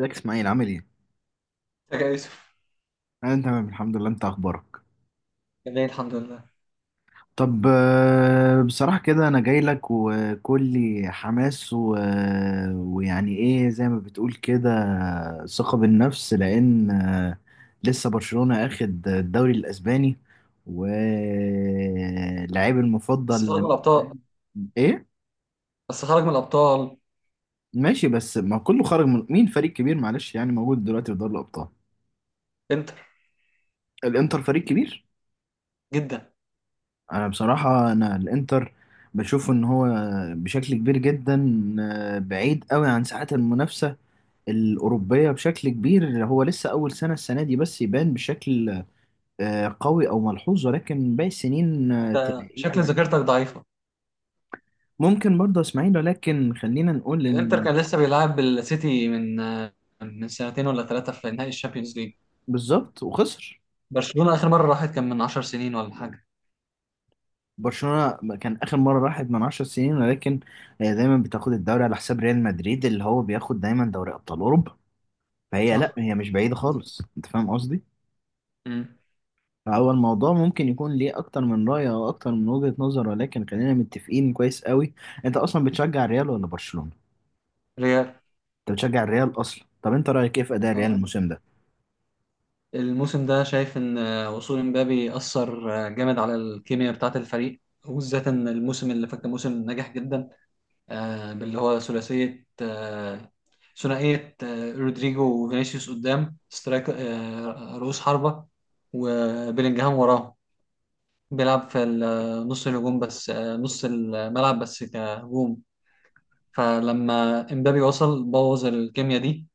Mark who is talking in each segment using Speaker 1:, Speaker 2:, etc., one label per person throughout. Speaker 1: ازيك اسماعيل؟ عامل ايه؟
Speaker 2: ازيك يا يوسف.
Speaker 1: انا تمام الحمد لله. انت اخبارك؟
Speaker 2: كان ليه الحمد لله.
Speaker 1: طب بصراحة كده انا جاي لك وكلي حماس ويعني ايه زي ما بتقول كده، ثقة بالنفس لان لسه برشلونة اخد الدوري الاسباني ولاعيب
Speaker 2: بس
Speaker 1: المفضل
Speaker 2: خرج من
Speaker 1: لامين
Speaker 2: الابطال.
Speaker 1: يامال. ايه؟
Speaker 2: بس خرج من الابطال.
Speaker 1: ماشي، بس ما كله خرج. من مين فريق كبير؟ معلش، يعني موجود دلوقتي في دوري الابطال.
Speaker 2: انتر.
Speaker 1: الانتر فريق كبير.
Speaker 2: جدا.
Speaker 1: انا بصراحة انا الانتر بشوف ان هو بشكل كبير جدا بعيد قوي عن ساعات المنافسة الأوروبية بشكل كبير. هو لسه أول سنة، السنة دي بس يبان بشكل قوي أو ملحوظ، ولكن باقي السنين
Speaker 2: انت شكل
Speaker 1: تلاقيه.
Speaker 2: ذاكرتك ضعيفه.
Speaker 1: ممكن برضه إسماعيل، ولكن خلينا نقول
Speaker 2: الانتر
Speaker 1: إن
Speaker 2: كان لسه بيلعب السيتي من سنتين ولا ثلاثه في نهائي الشامبيونز ليج.
Speaker 1: بالظبط وخسر.
Speaker 2: برشلونه اخر مره راحت كان من 10 سنين ولا حاجه.
Speaker 1: برشلونة كان آخر مرة راحت من 10 سنين، ولكن هي دايما بتاخد الدوري على حساب ريال مدريد اللي هو بياخد دايما دوري أبطال أوروبا. فهي لا،
Speaker 2: صح.
Speaker 1: هي مش بعيدة خالص. أنت فاهم قصدي؟
Speaker 2: امم.
Speaker 1: هو الموضوع ممكن يكون ليه اكتر من رأي او اكتر من وجهة نظر، ولكن خلينا متفقين كويس قوي. انت اصلا بتشجع الريال ولا برشلونة؟
Speaker 2: ريال.
Speaker 1: انت بتشجع الريال اصلا. طب انت رأيك ايه في اداء الريال
Speaker 2: اه.
Speaker 1: الموسم ده؟
Speaker 2: الموسم ده شايف ان وصول امبابي اثر جامد على الكيمياء بتاعه الفريق، وبالذات ان الموسم اللي فات كان موسم ناجح جدا، باللي هو ثلاثية، ثنائية، رودريجو وفينيسيوس قدام سترايك، رؤوس حربة وبيلينجهام وراهم. بيلعب في نص الهجوم بس، نص الملعب بس كهجوم. فلما امبابي وصل بوظ الكيمياء دي،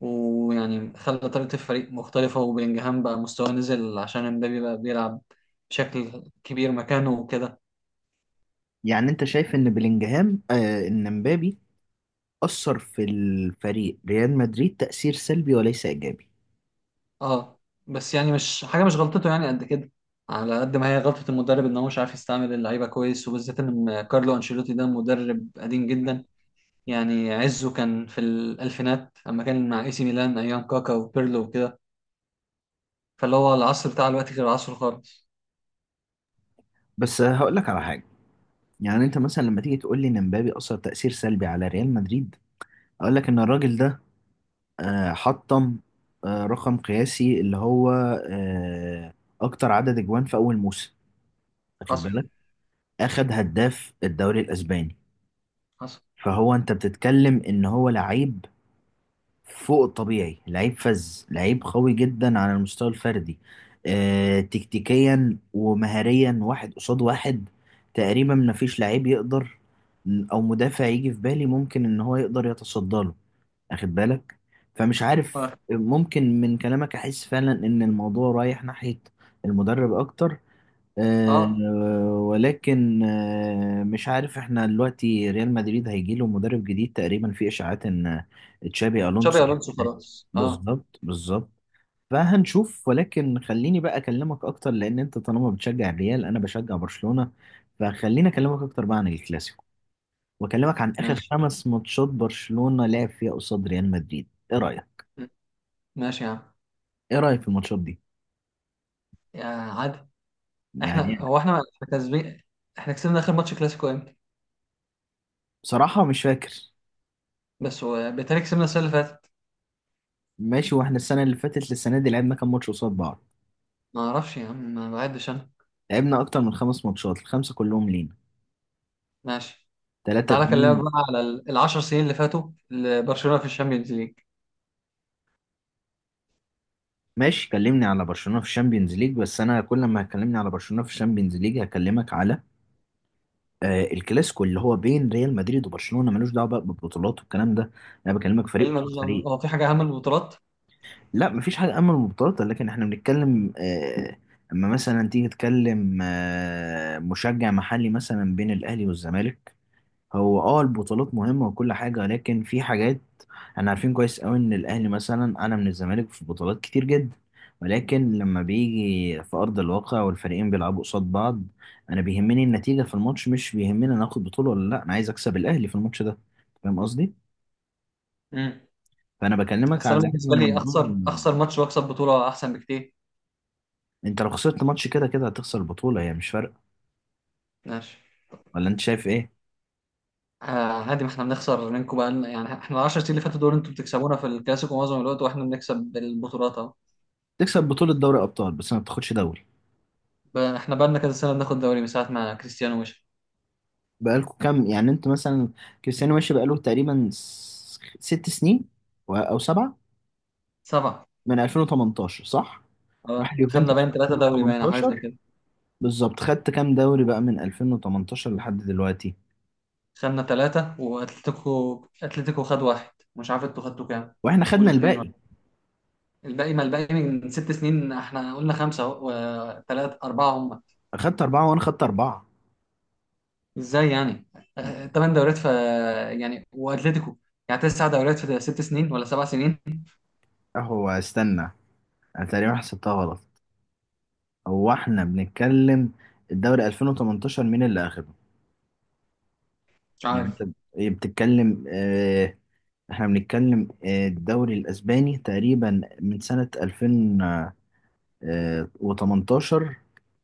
Speaker 2: ويعني خلى طريقة الفريق مختلفة وبيلينجهام بقى مستواه نزل عشان امبابي بقى بيلعب بشكل كبير مكانه وكده.
Speaker 1: يعني انت شايف ان بلينجهام ان مبابي اثر في الفريق ريال مدريد تأثير سلبي وليس ايجابي؟
Speaker 2: اه. بس يعني مش حاجه، مش غلطته يعني قد كده، على قد ما هي غلطه المدرب ان هو مش عارف يستعمل اللعيبه كويس، وبالذات ان كارلو انشيلوتي ده مدرب قديم جدا. يعني عزه كان في الالفينات اما كان مع اي سي ميلان ايام كاكا وبيرلو وكده. فاللي هو العصر بتاع الوقت غير عصره خالص.
Speaker 1: بس هقول لك على حاجة. يعني انت مثلا لما تيجي تقول لي ان مبابي اثر تأثير سلبي على ريال مدريد، اقول لك ان الراجل ده حطم رقم قياسي اللي هو آه، اكتر عدد اجوان في اول موسم، واخد
Speaker 2: حصل.
Speaker 1: بالك؟ اخد هداف الدوري الاسباني.
Speaker 2: حصل.
Speaker 1: فهو انت بتتكلم ان هو لعيب فوق الطبيعي، لعيب فذ، لعيب قوي جدا على المستوى الفردي. تكتيكيا ومهاريا واحد قصاد واحد تقريبا مفيش لعيب يقدر او مدافع يجي في بالي ممكن ان هو يقدر يتصدى له، واخد بالك؟ فمش عارف،
Speaker 2: اه.
Speaker 1: ممكن من كلامك احس فعلا ان الموضوع رايح ناحية المدرب اكتر. آه،
Speaker 2: اه.
Speaker 1: ولكن مش عارف، احنا دلوقتي ريال مدريد هيجي له مدرب جديد تقريبا في اشاعات ان تشابي
Speaker 2: تشابي
Speaker 1: الونسو.
Speaker 2: الونسو خلاص اه.
Speaker 1: بالظبط بالظبط. فهنشوف، ولكن خليني بقى اكلمك اكتر لان انت طالما بتشجع الريال انا بشجع برشلونة. فخليني اكلمك اكتر بقى عن الكلاسيكو، واكلمك عن اخر
Speaker 2: ماشي.
Speaker 1: 5 ماتشات برشلونة لعب فيها قصاد ريال مدريد. ايه رايك؟
Speaker 2: ماشي يا عم.
Speaker 1: ايه رايك في الماتشات دي؟
Speaker 2: يا عادي.
Speaker 1: يعني
Speaker 2: احنا
Speaker 1: أنا
Speaker 2: هو احنا احنا كسبين. احنا كسبنا اخر ماتش كلاسيكو امتى؟
Speaker 1: بصراحة مش فاكر.
Speaker 2: بالتالي كسبنا السنه اللي فاتت.
Speaker 1: ماشي، واحنا السنة اللي فاتت للسنة دي لعبنا كام ماتش قصاد بعض؟
Speaker 2: ما اعرفش يا عم، ما بعدش انا.
Speaker 1: لعبنا اكتر من خمس ماتشات، الخمسة كلهم لينا.
Speaker 2: ماشي.
Speaker 1: 3
Speaker 2: تعالى اكلمك
Speaker 1: 2
Speaker 2: بقى على العشر سنين اللي فاتوا لبرشلونه في الشامبيونز ليج.
Speaker 1: ماشي، كلمني على برشلونة في الشامبيونز ليج، بس انا كل ما هتكلمني على برشلونة في الشامبيونز ليج هكلمك على الكلاسيكو اللي هو بين ريال مدريد وبرشلونة، ملوش دعوة بقى بالبطولات والكلام ده. انا بكلمك
Speaker 2: ايه
Speaker 1: فريق
Speaker 2: اللي ملوش
Speaker 1: قصاد
Speaker 2: دعوة
Speaker 1: فريق.
Speaker 2: بيه؟ هو في حاجه اهم من البطولات؟
Speaker 1: لا مفيش حاجة أمن مبتكرة، لكن احنا بنتكلم أما مثلا تيجي تتكلم مشجع محلي مثلا بين الأهلي والزمالك، هو اه البطولات مهمة وكل حاجة، لكن في حاجات. احنا عارفين كويس أوي إن الأهلي مثلا أعلى من الزمالك في بطولات كتير جدا، ولكن لما بيجي في أرض الواقع والفريقين بيلعبوا قصاد بعض أنا بيهمني النتيجة في الماتش، مش بيهمني أنا آخد بطولة ولا لأ، أنا عايز أكسب الأهلي في الماتش ده. فاهم قصدي؟
Speaker 2: امم.
Speaker 1: فأنا بكلمك
Speaker 2: بس انا
Speaker 1: على هذا
Speaker 2: بالنسبه لي
Speaker 1: المنظور.
Speaker 2: اخسر اخسر ماتش واكسب بطوله احسن بكتير.
Speaker 1: انت لو خسرت ماتش كده كده هتخسر البطولة، هي مش فارقة.
Speaker 2: ماشي.
Speaker 1: ولا انت شايف ايه؟
Speaker 2: آه. عادي، ما احنا بنخسر منكم بقى يعني احنا العشر سنين اللي فاتوا دول انتوا بتكسبونا في الكلاسيكو معظم الوقت واحنا بنكسب بالبطولات اهو.
Speaker 1: تكسب بطولة دوري ابطال بس ما بتاخدش دوري.
Speaker 2: احنا بقى لنا كذا سنه بناخد دوري من ساعه ما كريستيانو مشي.
Speaker 1: بقالكوا كام؟ يعني انت مثلا كريستيانو ماشي بقاله تقريبا 6 سنين او سبعة.
Speaker 2: سبعه.
Speaker 1: من 2018 صح؟ راح
Speaker 2: اه خدنا
Speaker 1: اليوفنتوس
Speaker 2: باين
Speaker 1: في
Speaker 2: ثلاثه دوري، باين او حاجه زي
Speaker 1: 2018.
Speaker 2: كده.
Speaker 1: بالظبط، خدت كام دوري بقى من 2018 لحد دلوقتي؟
Speaker 2: خدنا ثلاثه، واتلتيكو، اتلتيكو خد واحد. مش عارف انتوا خدتوا كام.
Speaker 1: واحنا
Speaker 2: قول
Speaker 1: خدنا
Speaker 2: اتنين.
Speaker 1: الباقي.
Speaker 2: الباقي، ما الباقي من ست سنين، احنا قلنا خمسة اهو، وثلاثة أربعة هم.
Speaker 1: اخدت أربعة وانا خدت أربعة.
Speaker 2: ازاي يعني؟ تمن دوريات في. يعني وأتلتيكو. يعني تسع دوريات في ست سنين ولا سبع سنين.
Speaker 1: هو استنى، انا تقريبا حسبتها غلط. هو احنا بنتكلم الدوري 2018 مين اللي اخده؟
Speaker 2: مش
Speaker 1: يعني
Speaker 2: عارف.
Speaker 1: انت ايه بتتكلم احنا بنتكلم الدوري الاسباني تقريبا من سنة 2018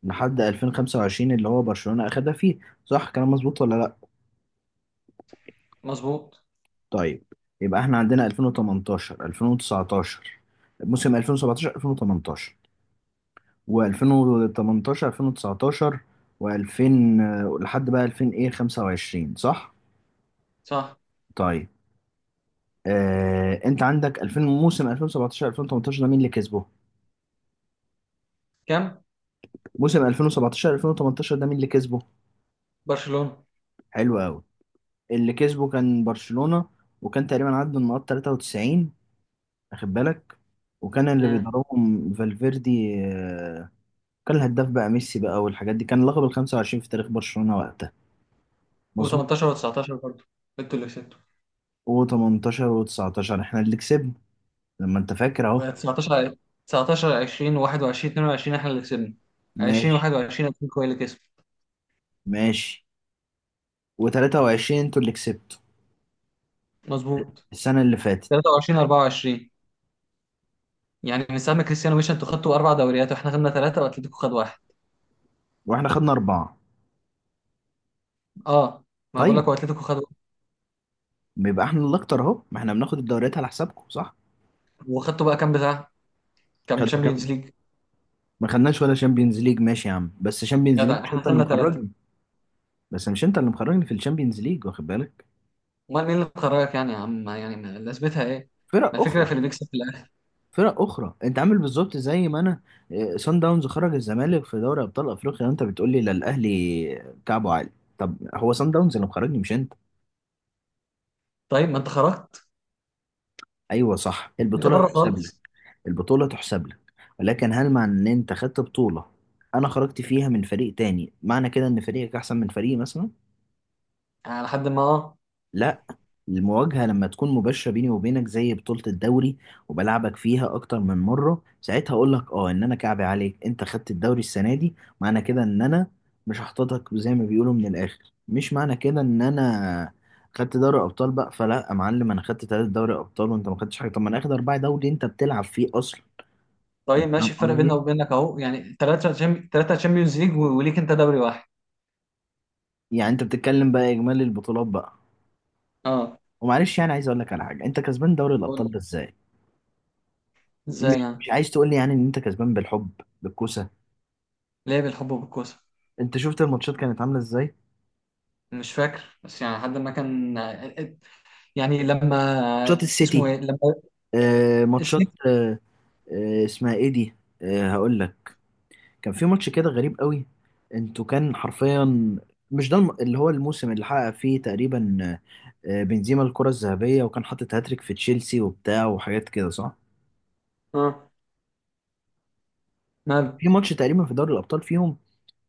Speaker 1: لحد 2025 اللي هو برشلونة اخدها فيه. صح، كلام مظبوط ولا لا؟
Speaker 2: مظبوط.
Speaker 1: طيب. يبقى احنا عندنا 2018 2019، موسم 2017 2018 و2018 2019 و2000 لحد بقى 2000 ايه 25، صح؟
Speaker 2: صح.
Speaker 1: طيب. انت عندك 2000 موسم 2017 2018 ده مين اللي كسبه؟
Speaker 2: كام.
Speaker 1: موسم 2017 2018 ده مين اللي كسبه؟
Speaker 2: برشلونة.
Speaker 1: حلو قوي. اللي كسبه كان برشلونة، وكان تقريبا عدى النقاط 93، واخد بالك؟ وكان اللي
Speaker 2: مم.
Speaker 1: بيدربهم فالفيردي. كان الهداف بقى ميسي بقى، والحاجات دي كان لقب ال 25 في تاريخ برشلونة وقتها. مظبوط.
Speaker 2: و18 و19 برضه انتوا اللي كسبتوا.
Speaker 1: و18 و19 احنا اللي كسبنا، لما انت فاكر اهو.
Speaker 2: و19، 19 20 21 22 احنا اللي كسبنا. 20
Speaker 1: ماشي
Speaker 2: 21 اتلتيكو هي اللي كسبت.
Speaker 1: ماشي. و23 انتوا اللي كسبتوا،
Speaker 2: مظبوط.
Speaker 1: السنة اللي فاتت.
Speaker 2: 23 24. يعني من ساعة ما كريستيانو مشى انتوا خدتوا أربع دوريات واحنا خدنا ثلاثة وأتلتيكو خد واحد.
Speaker 1: واحنا خدنا أربعة.
Speaker 2: اه. ما بقول لك
Speaker 1: طيب،
Speaker 2: هو اتلتيكو خدوا.
Speaker 1: بيبقى احنا الاكتر اهو، ما احنا بناخد الدوريات على حسابكم، صح؟
Speaker 2: وخدتوا بقى كام بتاع؟ كام
Speaker 1: خدنا
Speaker 2: تشامبيونز
Speaker 1: كام؟
Speaker 2: ليج؟
Speaker 1: ما خدناش ولا شامبيونز ليج، ماشي يا عم، بس شامبيونز ليج
Speaker 2: جدع
Speaker 1: مش
Speaker 2: احنا
Speaker 1: انت اللي
Speaker 2: خدنا ثلاثه.
Speaker 1: مخرجني. بس مش انت اللي مخرجني في الشامبيونز ليج، واخد بالك؟
Speaker 2: امال مين اللي خرجك يعني يا عم؟ يعني لازمتها ايه؟ ما
Speaker 1: فرق
Speaker 2: الفكره
Speaker 1: اخرى،
Speaker 2: في اللي بيكسب في الاخر.
Speaker 1: فرق اخرى. انت عامل بالظبط زي ما انا اه، سان داونز خرج الزمالك في دوري ابطال افريقيا وانت بتقول لي لا الاهلي كعبه عالي. طب هو سان داونز اللي مخرجني مش انت.
Speaker 2: طيب ما انت خرجت.
Speaker 1: ايوه صح،
Speaker 2: انت
Speaker 1: البطوله
Speaker 2: بره
Speaker 1: تحسب لك،
Speaker 2: خالص.
Speaker 1: البطوله تحسب لك. ولكن هل مع ان انت خدت بطوله، انا خرجت فيها من فريق تاني، معنى كده ان فريقك احسن من فريقي مثلا؟
Speaker 2: يعني لحد ما اه.
Speaker 1: لا. المواجهة لما تكون مباشرة بيني وبينك زي بطولة الدوري وبلعبك فيها أكتر من مرة، ساعتها أقول لك أه إن أنا كعبي عليك. أنت خدت الدوري السنة دي، معنى كده إن أنا مش هحططك زي ما بيقولوا من الآخر؟ مش معنى كده إن أنا خدت دوري أبطال بقى، فلا يا معلم، أنا خدت 3 دوري أبطال وأنت ما خدتش حاجة. طب ما أنا آخد 4 دوري أنت بتلعب فيه أصلا. أنت
Speaker 2: طيب
Speaker 1: فاهم
Speaker 2: ماشي. الفرق بيننا
Speaker 1: قصدي؟
Speaker 2: وبينك اهو يعني ثلاثه تشامبيونز ليج وليك انت دوري واحد.
Speaker 1: يعني أنت بتتكلم بقى إجمالي البطولات بقى.
Speaker 2: اه.
Speaker 1: ومعلش يعني عايز أقول لك على حاجة، أنت كسبان دوري
Speaker 2: قول.
Speaker 1: الأبطال ده إزاي؟
Speaker 2: ازاي
Speaker 1: مش
Speaker 2: يعني؟
Speaker 1: مش عايز تقول لي يعني ان انت كسبان بالحب بالكوسه؟
Speaker 2: ليه بالحب وبالكوسه؟
Speaker 1: انت شفت الماتشات كانت عامله ازاي؟
Speaker 2: مش فاكر، بس يعني لحد ما كان. يعني
Speaker 1: ماتشات
Speaker 2: لما. اسمه
Speaker 1: السيتي.
Speaker 2: ايه لما.
Speaker 1: ماتشات
Speaker 2: السيتي.
Speaker 1: اسمها ايه دي؟ هقول لك. كان في ماتش كده غريب قوي. انتوا كان حرفيا، مش ده اللي هو الموسم اللي حقق فيه تقريبا بنزيما الكرة الذهبية وكان حاطط هاتريك في تشيلسي وبتاع وحاجات كده، صح؟
Speaker 2: اه
Speaker 1: كان
Speaker 2: ماله.
Speaker 1: في ماتش تقريبا في دوري الأبطال فيهم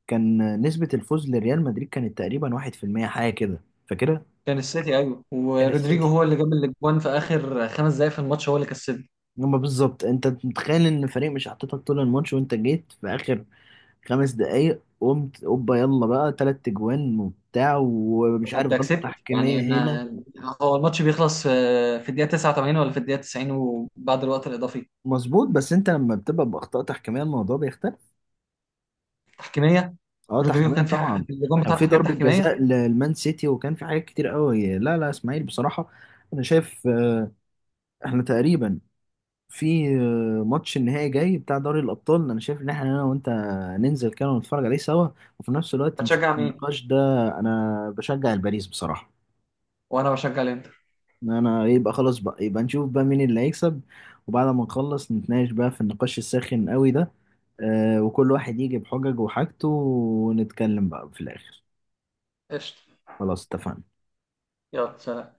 Speaker 1: كان نسبة الفوز لريال مدريد كانت تقريبا 1% حاجة كده، فاكرها؟
Speaker 2: كان السيتي ايوه،
Speaker 1: كان
Speaker 2: ورودريجو
Speaker 1: السيتي.
Speaker 2: هو اللي جاب الاجوان في اخر خمس دقايق في الماتش، هو اللي كسبه.
Speaker 1: هما بالظبط، انت متخيل ان الفريق مش حاططك طول الماتش وانت جيت في اخر 5 دقايق قمت اوبا يلا بقى تلات اجوان وبتاع، ومش
Speaker 2: طب
Speaker 1: عارف
Speaker 2: انت
Speaker 1: غلطة
Speaker 2: كسبت
Speaker 1: تحكيمية
Speaker 2: يعني
Speaker 1: هنا.
Speaker 2: ما. هو الماتش بيخلص في الدقيقه 89 ولا في الدقيقه 90 وبعد الوقت الاضافي.
Speaker 1: مظبوط، بس انت لما بتبقى باخطاء تحكيمية الموضوع بيختلف.
Speaker 2: تحكيميه.
Speaker 1: اه
Speaker 2: رودريجو
Speaker 1: تحكيمية
Speaker 2: كان في
Speaker 1: طبعا.
Speaker 2: الاجوان
Speaker 1: كان
Speaker 2: بتاعته
Speaker 1: في
Speaker 2: حاجات
Speaker 1: ضربة
Speaker 2: تحكيميه.
Speaker 1: جزاء للمان سيتي وكان في حاجات كتير قوي. لا لا اسماعيل بصراحة، انا شايف احنا تقريبا في ماتش النهائي جاي بتاع دوري الأبطال، أنا شايف إن إحنا أنا وأنت ننزل كده ونتفرج عليه سوا، وفي نفس الوقت نشوف
Speaker 2: هتشجع مين؟
Speaker 1: النقاش ده. أنا بشجع الباريس بصراحة.
Speaker 2: وانا بشجع الانتر.
Speaker 1: إن أنا يبقى خلاص بقى، يبقى نشوف بقى مين اللي هيكسب، وبعد ما نخلص نتناقش بقى في النقاش الساخن قوي ده، وكل واحد يجي بحجج وحاجته ونتكلم بقى في الآخر.
Speaker 2: قشطه.
Speaker 1: خلاص اتفقنا.
Speaker 2: يلا سلام.